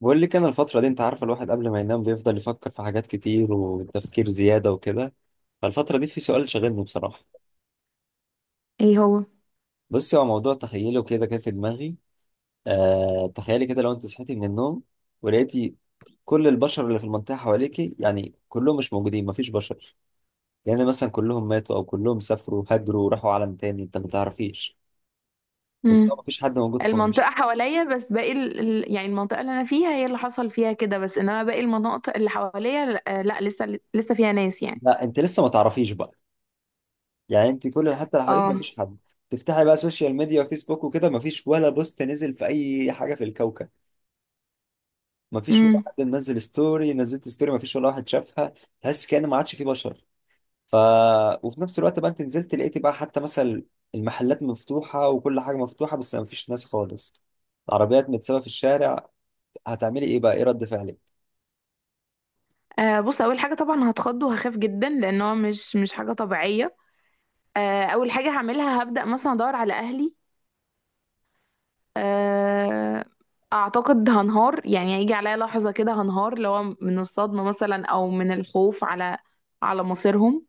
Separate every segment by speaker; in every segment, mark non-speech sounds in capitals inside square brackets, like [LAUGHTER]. Speaker 1: بقول لك انا الفترة دي، انت عارفة، الواحد قبل ما ينام بيفضل يفكر في حاجات كتير وتفكير زيادة وكده. فالفترة دي في سؤال شاغلني بصراحة.
Speaker 2: ايه هو؟
Speaker 1: بصي، هو موضوع تخيله كده كان في دماغي. آه، تخيلي كده لو انت صحيتي من النوم ولقيتي كل البشر اللي في المنطقة حواليكي، يعني كلهم مش موجودين، مفيش بشر. يعني مثلا كلهم ماتوا او كلهم سافروا هاجروا وراحوا عالم تاني انت ما تعرفيش. بس
Speaker 2: امم.
Speaker 1: هو مفيش حد موجود خالص.
Speaker 2: المنطقة حواليا بس، باقي يعني المنطقة اللي أنا فيها هي اللي حصل فيها كده بس، إنما باقي المناطق اللي حواليا لأ, لأ لسه لسه فيها ناس يعني.
Speaker 1: لا، انت لسه ما تعرفيش بقى. يعني انت كل، حتى لو حواليك
Speaker 2: اه.
Speaker 1: مفيش حد، تفتحي بقى سوشيال ميديا وفيسبوك وكده، مفيش ولا بوست نزل في اي حاجه في الكوكب. مفيش ولا
Speaker 2: امم.
Speaker 1: حد منزل ستوري، نزلت ستوري مفيش ولا واحد شافها. تحس كأن ما عادش فيه بشر. ف وفي نفس الوقت بقى انت نزلت لقيتي بقى حتى مثلا المحلات مفتوحه وكل حاجه مفتوحه بس مفيش ناس خالص. العربيات متسابه في الشارع. هتعملي ايه بقى؟ ايه رد فعلك؟
Speaker 2: آه، بص أول حاجة طبعا هتخض وهخاف جدا، لأن هو مش حاجة طبيعية. آه، أول حاجة هعملها هبدأ مثلا أدور على أهلي. آه. أعتقد هنهار، يعني هيجي عليا لحظة كده هنهار، اللي هو من الصدمة مثلا أو من الخوف على مصيرهم.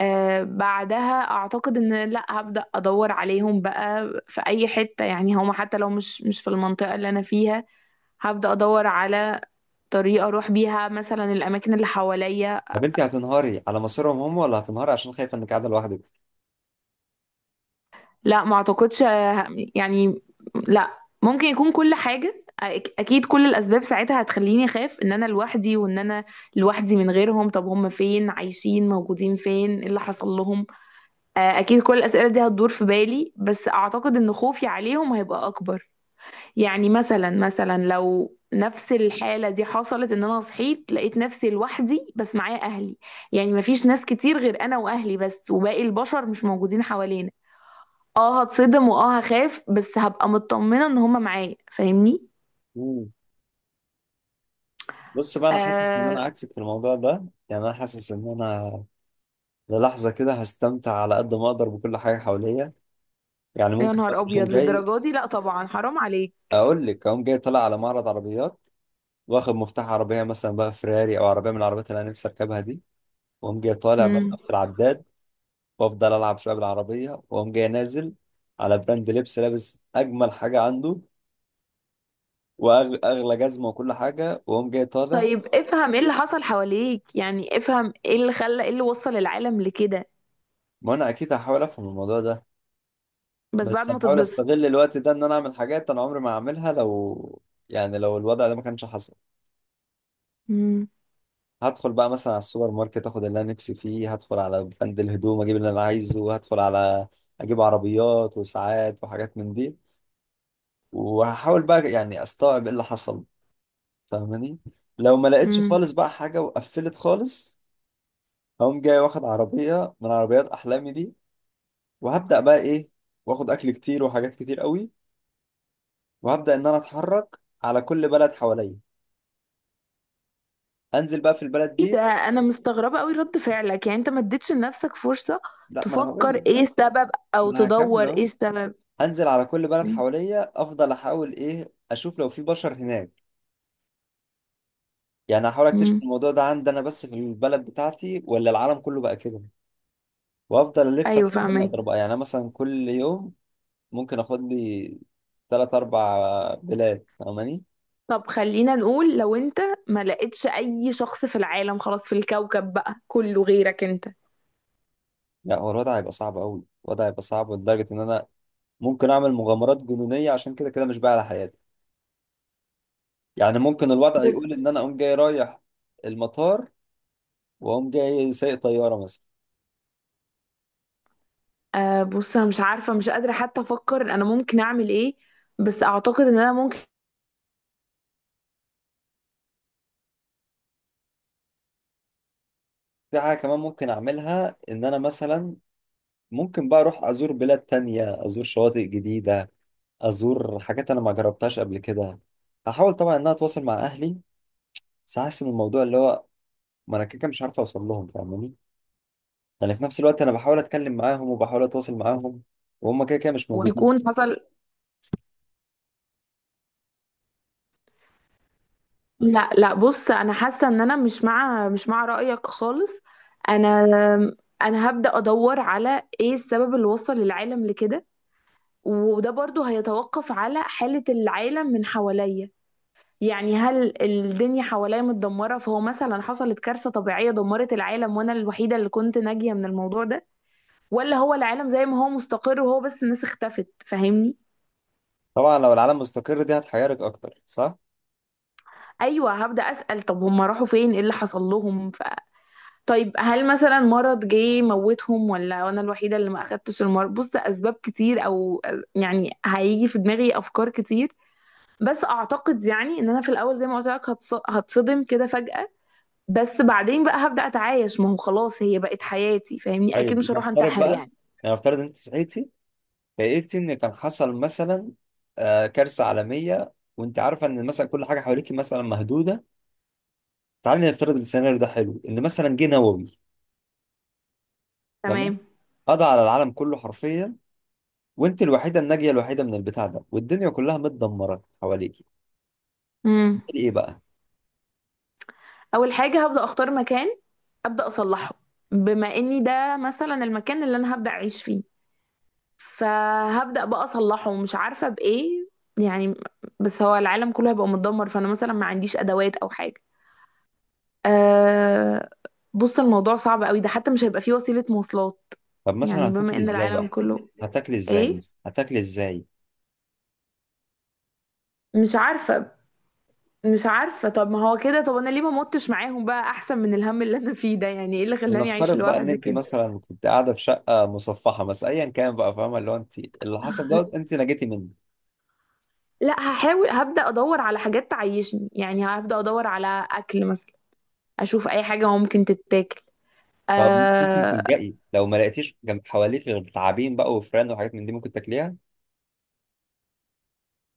Speaker 2: آه، بعدها اعتقد ان لا، هبدأ ادور عليهم بقى في اي حتة، يعني هما حتى لو مش في المنطقة اللي انا فيها. هبدأ ادور على طريقة اروح بيها مثلا الاماكن اللي حواليا.
Speaker 1: طب انت هتنهاري على مصيرهم هم ولا هتنهاري عشان خايفه انك قاعده لوحدك؟
Speaker 2: لا، ما اعتقدش. آه، يعني لا، ممكن يكون كل حاجة اكيد كل الاسباب ساعتها هتخليني اخاف ان انا لوحدي وان انا لوحدي من غيرهم. طب هم فين؟ عايشين موجودين فين؟ ايه اللي حصل لهم؟ آه، اكيد كل الاسئلة دي هتدور في بالي، بس اعتقد ان خوفي عليهم هيبقى اكبر. يعني مثلا، مثلا لو نفس الحالة دي حصلت ان انا صحيت لقيت نفسي لوحدي بس معايا اهلي، يعني مفيش ناس كتير غير انا واهلي بس، وباقي البشر مش موجودين حوالينا، اه هتصدم واه هخاف، بس هبقى مطمنة ان هما معايا. فاهمني؟
Speaker 1: مم. بص بقى، انا حاسس ان
Speaker 2: آه.
Speaker 1: انا عكسك في الموضوع ده. يعني انا حاسس ان انا للحظة كده هستمتع على قد ما أقدر بكل حاجة حواليا. يعني
Speaker 2: يا
Speaker 1: ممكن
Speaker 2: نهار
Speaker 1: مثلا أقوم
Speaker 2: ابيض،
Speaker 1: جاي،
Speaker 2: للدرجة دي؟ لا طبعا، حرام عليك.
Speaker 1: أقول لك أقوم جاي طالع على معرض عربيات وآخد مفتاح عربية مثلا بقى فيراري أو عربية من العربيات اللي أنا نفسي أركبها دي، وأقوم جاي طالع بقى
Speaker 2: مم.
Speaker 1: مقفل العداد. وأفضل ألعب شوية بالعربية، وأقوم جاي نازل على براند لبس، لابس أجمل حاجة عنده وأغلى جزمة وكل حاجة، وأقوم جاي طالع.
Speaker 2: طيب، افهم ايه اللي حصل حواليك، يعني افهم ايه اللي خلى، ايه اللي وصل العالم لكده.
Speaker 1: ما أنا أكيد هحاول أفهم الموضوع ده،
Speaker 2: بس بعد
Speaker 1: بس
Speaker 2: ما
Speaker 1: هحاول
Speaker 2: تتبسط.
Speaker 1: أستغل الوقت ده إن أنا أعمل حاجات أنا عمري ما هعملها لو، يعني لو الوضع ده ما كانش حصل.
Speaker 2: مم.
Speaker 1: هدخل بقى مثلا على السوبر ماركت اخد اللي انا نفسي فيه، هدخل على بند الهدوم اجيب اللي انا عايزه، هدخل على، اجيب عربيات وساعات وحاجات من دي. وهحاول بقى يعني استوعب ايه اللي حصل، فاهماني؟ لو ما لقيتش
Speaker 2: مم.
Speaker 1: خالص بقى حاجة وقفلت خالص، هقوم جاي واخد عربية من عربيات احلامي دي، وهبدأ بقى ايه، واخد اكل كتير وحاجات كتير قوي، وهبدأ ان انا اتحرك على كل بلد حواليا. انزل بقى في البلد
Speaker 2: ايه ده؟
Speaker 1: دي،
Speaker 2: انا مستغربه قوي رد فعلك، يعني انت ما اديتش لنفسك فرصه
Speaker 1: لا ما انا هقول
Speaker 2: تفكر
Speaker 1: لك،
Speaker 2: ايه السبب او
Speaker 1: ما انا
Speaker 2: تدور
Speaker 1: هكمل
Speaker 2: ايه
Speaker 1: اهو.
Speaker 2: السبب.
Speaker 1: انزل على كل بلد حواليا، افضل احاول ايه اشوف لو في بشر هناك. يعني هحاول اكتشف
Speaker 2: امم.
Speaker 1: الموضوع ده عندي انا بس في البلد بتاعتي ولا العالم كله بقى كده. وافضل الف
Speaker 2: ايوه
Speaker 1: لحد ما
Speaker 2: فاهمك.
Speaker 1: اقدر بقى. يعني أنا مثلا كل يوم ممكن اخد لي ثلاث اربع بلاد، فاهماني؟
Speaker 2: طب خلينا نقول لو انت ما لقيتش اي شخص في العالم خلاص، في الكوكب بقى كله غيرك انت.
Speaker 1: لا هو الوضع هيبقى صعب قوي، الوضع هيبقى صعب لدرجة ان انا ممكن اعمل مغامرات جنونية عشان كده كده مش بقى على حياتي. يعني ممكن الوضع
Speaker 2: بس.
Speaker 1: يقول ان انا اقوم جاي رايح المطار واقوم جاي سايق طيارة مثلا.
Speaker 2: آه، بص انا مش عارفه، مش قادره حتى افكر انا ممكن اعمل ايه، بس اعتقد ان انا ممكن
Speaker 1: في حاجة كمان ممكن أعملها، إن أنا مثلا ممكن بقى أروح أزور بلاد تانية، أزور شواطئ جديدة، أزور حاجات أنا ما جربتهاش قبل كده. هحاول طبعا إن أنا أتواصل مع أهلي، بس حاسس إن الموضوع اللي هو، ما أنا كده كده مش عارف أوصل لهم، فاهماني؟ يعني في نفس الوقت أنا بحاول أتكلم معاهم وبحاول أتواصل معاهم وهم كده كده مش موجودين.
Speaker 2: يكون حصل. لا لا، بص انا حاسه ان انا مش مع رايك خالص. انا. انا هبدا ادور على ايه السبب اللي وصل العالم لكده، وده برضو هيتوقف على حاله العالم من حواليا. يعني هل الدنيا حواليا متدمره، فهو مثلا حصلت كارثه طبيعيه دمرت العالم وانا الوحيده اللي كنت ناجيه من الموضوع ده، ولا هو العالم زي ما هو مستقر وهو بس الناس اختفت؟ فاهمني؟
Speaker 1: طبعا لو العالم مستقر دي هتحيرك أكتر، صح؟
Speaker 2: ايوه، هبدا اسال طب هم راحوا فين؟ ايه اللي حصل لهم؟ طيب هل مثلا مرض جه موتهم، ولا انا الوحيده اللي ما اخدتش المرض؟ بص ده اسباب كتير، او يعني هيجي في دماغي افكار كتير. بس اعتقد يعني ان انا في الاول زي ما قلت لك هتصدم كده فجأة. بس بعدين بقى هبدأ اتعايش، ما هو خلاص هي بقت حياتي. فاهمني؟ اكيد
Speaker 1: طيب
Speaker 2: مش هروح
Speaker 1: نفترض
Speaker 2: انتحر
Speaker 1: بقى،
Speaker 2: يعني.
Speaker 1: يعني نفترض أنت صحيتي فقلت ان كان حصل مثلا، كارثه عالميه، وانت عارفه ان مثلا كل حاجه حواليك مثلا مهدوده. تعالي نفترض السيناريو ده، حلو ان مثلا جه نووي. تمام،
Speaker 2: تمام.
Speaker 1: قضى على العالم كله حرفيا، وانت الوحيده الناجيه الوحيده من البتاع ده، والدنيا كلها متدمره حواليك.
Speaker 2: امم.
Speaker 1: هتعملي ايه بقى؟
Speaker 2: اول حاجه هبدأ اختار مكان، ابدأ اصلحه. بما اني ده مثلا المكان اللي انا هبدأ اعيش فيه، فهبدأ بقى اصلحه، ومش عارفة بايه. يعني، بس هو العالم كله هيبقى متدمر، فانا مثلا ما عنديش ادوات او حاجة. أه. بص الموضوع صعب قوي ده، حتى مش هيبقى فيه وسيلة مواصلات.
Speaker 1: طب مثلا
Speaker 2: يعني بما
Speaker 1: هتاكلي
Speaker 2: ان
Speaker 1: ازاي
Speaker 2: العالم
Speaker 1: بقى؟
Speaker 2: كله. ايه؟
Speaker 1: هتاكلي ازاي؟
Speaker 2: مش عارفة. مش عارفة، طب ما هو كده، طب انا ليه ما متش معاهم بقى احسن من الهم اللي انا فيه ده؟ يعني ايه اللي خلاني اعيش
Speaker 1: ونفترض بقى ان
Speaker 2: لوحدي
Speaker 1: انت
Speaker 2: كده؟
Speaker 1: مثلا كنت قاعده في شقه مصفحه مثلا ايا كان بقى، فاهمه؟ اللي هو انت اللي حصل دوت
Speaker 2: [LAUGHS]
Speaker 1: انت نجيتي منه.
Speaker 2: لا، هحاول هبدأ ادور على حاجات تعيشني، يعني هبدأ ادور على اكل مثلا، اشوف اي حاجة ممكن تتاكل.
Speaker 1: طب ممكن
Speaker 2: أه.
Speaker 1: تلجئي لو ما لقيتيش جنب حواليك غير تعابين بقى وفران وحاجات من دي، ممكن تاكليها؟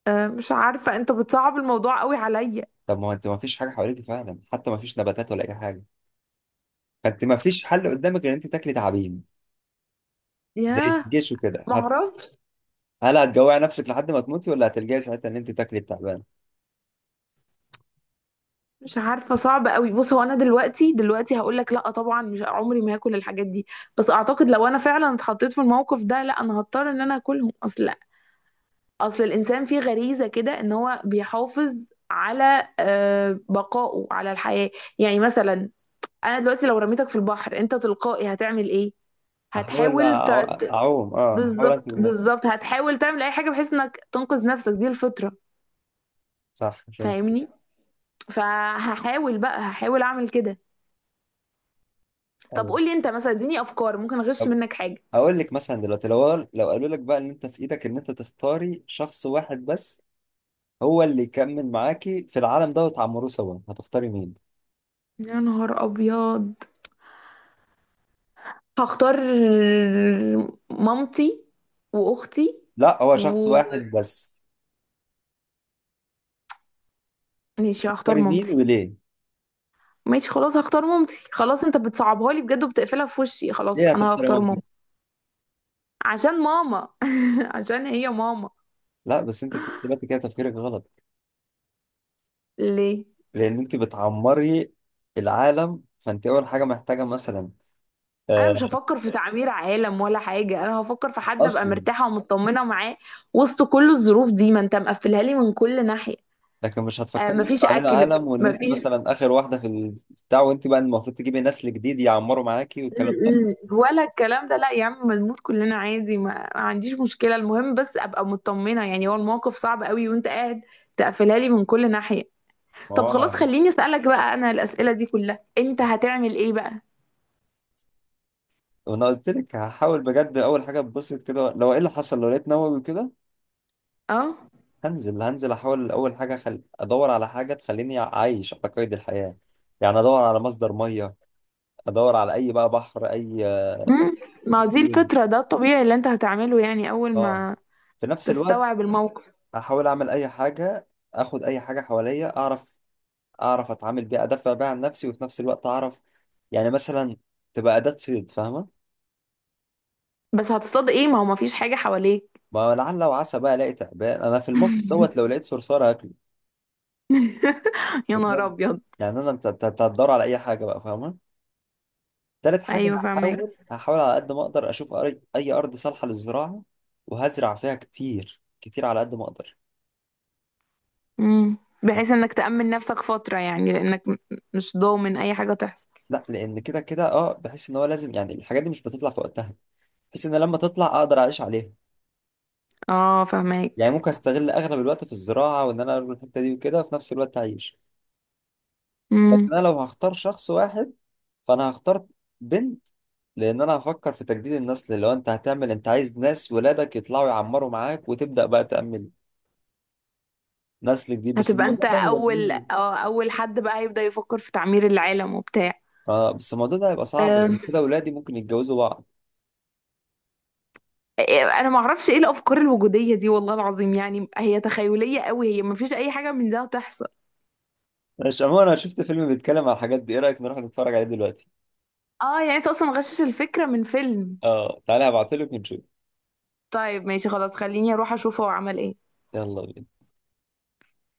Speaker 2: آه، مش عارفة، انت بتصعب الموضوع قوي عليا.
Speaker 1: طب ما هو انت ما فيش حاجه حواليك فعلا، حتى ما فيش نباتات ولا اي حاجه. فانت ما فيش حل قدامك غير ان انت تاكلي تعابين، زي في
Speaker 2: ياه.
Speaker 1: الجيش وكده.
Speaker 2: معرفش.
Speaker 1: هل هتجوعي نفسك لحد ما تموتي، ولا هتلجئي ساعتها ان انت تاكلي التعبان؟
Speaker 2: مش عارفة، صعب قوي. بص هو انا دلوقتي هقول لك لا طبعا، مش عمري ما هاكل الحاجات دي. بس اعتقد لو انا فعلا اتحطيت في الموقف ده، لا انا هضطر ان انا اكلهم. اصل، اصل الانسان فيه غريزة كده ان هو بيحافظ على آه، بقائه على الحياة. يعني مثلا، انا دلوقتي لو رميتك في البحر انت تلقائي هتعمل ايه؟ هتحاول
Speaker 1: اعوم، اه هحاول
Speaker 2: بالظبط،
Speaker 1: انقذ نفسي.
Speaker 2: بالظبط، هتحاول تعمل اي حاجة بحيث انك تنقذ نفسك، دي الفطرة.
Speaker 1: صح، فهمت.
Speaker 2: فاهمني؟ فهحاول بقى، هحاول اعمل كده. طب
Speaker 1: ايوه.
Speaker 2: قولي انت مثلا، اديني افكار ممكن اغش
Speaker 1: طب
Speaker 2: منك حاجة.
Speaker 1: اقول لك مثلا دلوقتي، لو قالوا لك بقى ان انت في ايدك ان انت تختاري شخص واحد بس هو اللي يكمل معاكي في العالم ده وتعمروه سوا، هتختاري مين؟
Speaker 2: يا نهار ابيض. هختار مامتي واختي.
Speaker 1: لا هو شخص
Speaker 2: و.
Speaker 1: واحد بس.
Speaker 2: ماشي، هختار
Speaker 1: تختاري مين
Speaker 2: مامتي.
Speaker 1: وليه؟
Speaker 2: ماشي خلاص هختار مامتي، خلاص انت بتصعبها لي بجد وبتقفلها في وشي. خلاص
Speaker 1: ليه
Speaker 2: انا
Speaker 1: هتختاري
Speaker 2: هختار
Speaker 1: مامتك؟
Speaker 2: ماما. عشان ماما. [LAUGHS] عشان هي ماما.
Speaker 1: لا بس انت في نفس الوقت كده تفكيرك غلط.
Speaker 2: ليه؟
Speaker 1: لان انت بتعمري العالم، فانت اول حاجه محتاجه مثلا،
Speaker 2: انا مش
Speaker 1: آه،
Speaker 2: هفكر في تعمير عالم ولا حاجه، انا هفكر في حد ابقى
Speaker 1: اصلا.
Speaker 2: مرتاحه ومطمنه معاه وسط كل الظروف دي. ما انت مقفلها لي من كل ناحيه.
Speaker 1: لكن مش
Speaker 2: آه،
Speaker 1: هتفكري بس
Speaker 2: مفيش
Speaker 1: عن
Speaker 2: اكل،
Speaker 1: العالم وان انت
Speaker 2: مفيش
Speaker 1: مثلا اخر واحده في البتاع وانت بقى المفروض تجيبي نسل جديد يعمروا معاكي والكلام ده.
Speaker 2: ولا الكلام ده. لا يا عم، ما نموت كلنا عادي، ما عنديش مشكله، المهم بس ابقى مطمنه. يعني هو الموقف صعب قوي وانت قاعد تقفلها لي من كل ناحيه.
Speaker 1: ما
Speaker 2: طب خلاص،
Speaker 1: هو،
Speaker 2: خليني اسالك بقى، انا الاسئله دي كلها انت هتعمل ايه بقى؟
Speaker 1: وانا قلت لك هحاول بجد اول حاجه اتبسط كده، لو ايه اللي حصل، لو لقيت نووي كده.
Speaker 2: اه.
Speaker 1: هنزل احاول اول حاجه ادور على حاجه تخليني عايش على قيد الحياه. يعني ادور على مصدر ميه، ادور على اي بقى بحر، اي
Speaker 2: امم. ما هو دي
Speaker 1: نيل.
Speaker 2: الفطره، ده الطبيعي اللي انت هتعمله، يعني اول
Speaker 1: اه،
Speaker 2: ما
Speaker 1: في نفس الوقت
Speaker 2: تستوعب الموقف.
Speaker 1: احاول اعمل اي حاجه، اخد اي حاجه حواليا اعرف، اعرف اتعامل بيها ادافع بيها عن نفسي، وفي نفس الوقت اعرف، يعني مثلا تبقى اداه صيد، فاهمه؟
Speaker 2: بس هتصطاد ايه؟ ما هو مفيش حاجه حواليك.
Speaker 1: ما لعل وعسى بقى الاقي تعبان، انا في الموقف دوت لو لقيت صرصار هاكله،
Speaker 2: [LAUGHS] يا نهار
Speaker 1: بجد.
Speaker 2: ابيض.
Speaker 1: يعني انا، أنت هتدور على اي حاجه بقى، فاهمه؟ تالت حاجة
Speaker 2: ايوه فاهمك.
Speaker 1: هحاول على قد ما أقدر أشوف أي أرض صالحة للزراعة، وهزرع فيها كتير كتير على قد ما أقدر.
Speaker 2: امم. بحيث انك تأمن نفسك فترة، يعني لانك مش ضامن اي حاجة تحصل.
Speaker 1: لا لأن كده كده، أه بحس إن هو لازم، يعني الحاجات دي مش بتطلع في وقتها، بحس إن لما تطلع أقدر أعيش عليها.
Speaker 2: اه فهماك.
Speaker 1: يعني ممكن أستغل أغلب الوقت في الزراعة وإن أنا أروح الحتة دي وكده، وفي نفس الوقت أعيش.
Speaker 2: امم.
Speaker 1: لكن أنا لو هختار شخص واحد، فأنا هختار بنت. لأن أنا هفكر في تجديد النسل، اللي هو أنت هتعمل، أنت عايز ناس ولادك يطلعوا يعمروا معاك وتبدأ بقى تأمل نسل جديد، بس
Speaker 2: هتبقى انت
Speaker 1: الموضوع ده،
Speaker 2: اول اه اول حد بقى هيبدأ يفكر في تعمير العالم وبتاع.
Speaker 1: اه بس الموضوع ده هيبقى صعب لان
Speaker 2: أم.
Speaker 1: كده ولادي ممكن يتجوزوا بعض.
Speaker 2: انا ما اعرفش ايه الافكار الوجودية دي والله العظيم، يعني هي تخيلية قوي، هي ما فيش اي حاجة من ده هتحصل.
Speaker 1: مش عموما، انا شفت فيلم بيتكلم على الحاجات دي، ايه رايك نروح نتفرج عليه دلوقتي؟
Speaker 2: اه يعني انت اصلا غشش الفكرة من فيلم.
Speaker 1: اه تعالى، هبعتلك ونشوف.
Speaker 2: طيب ماشي خلاص، خليني اروح اشوف هو عمل ايه.
Speaker 1: يلا بينا.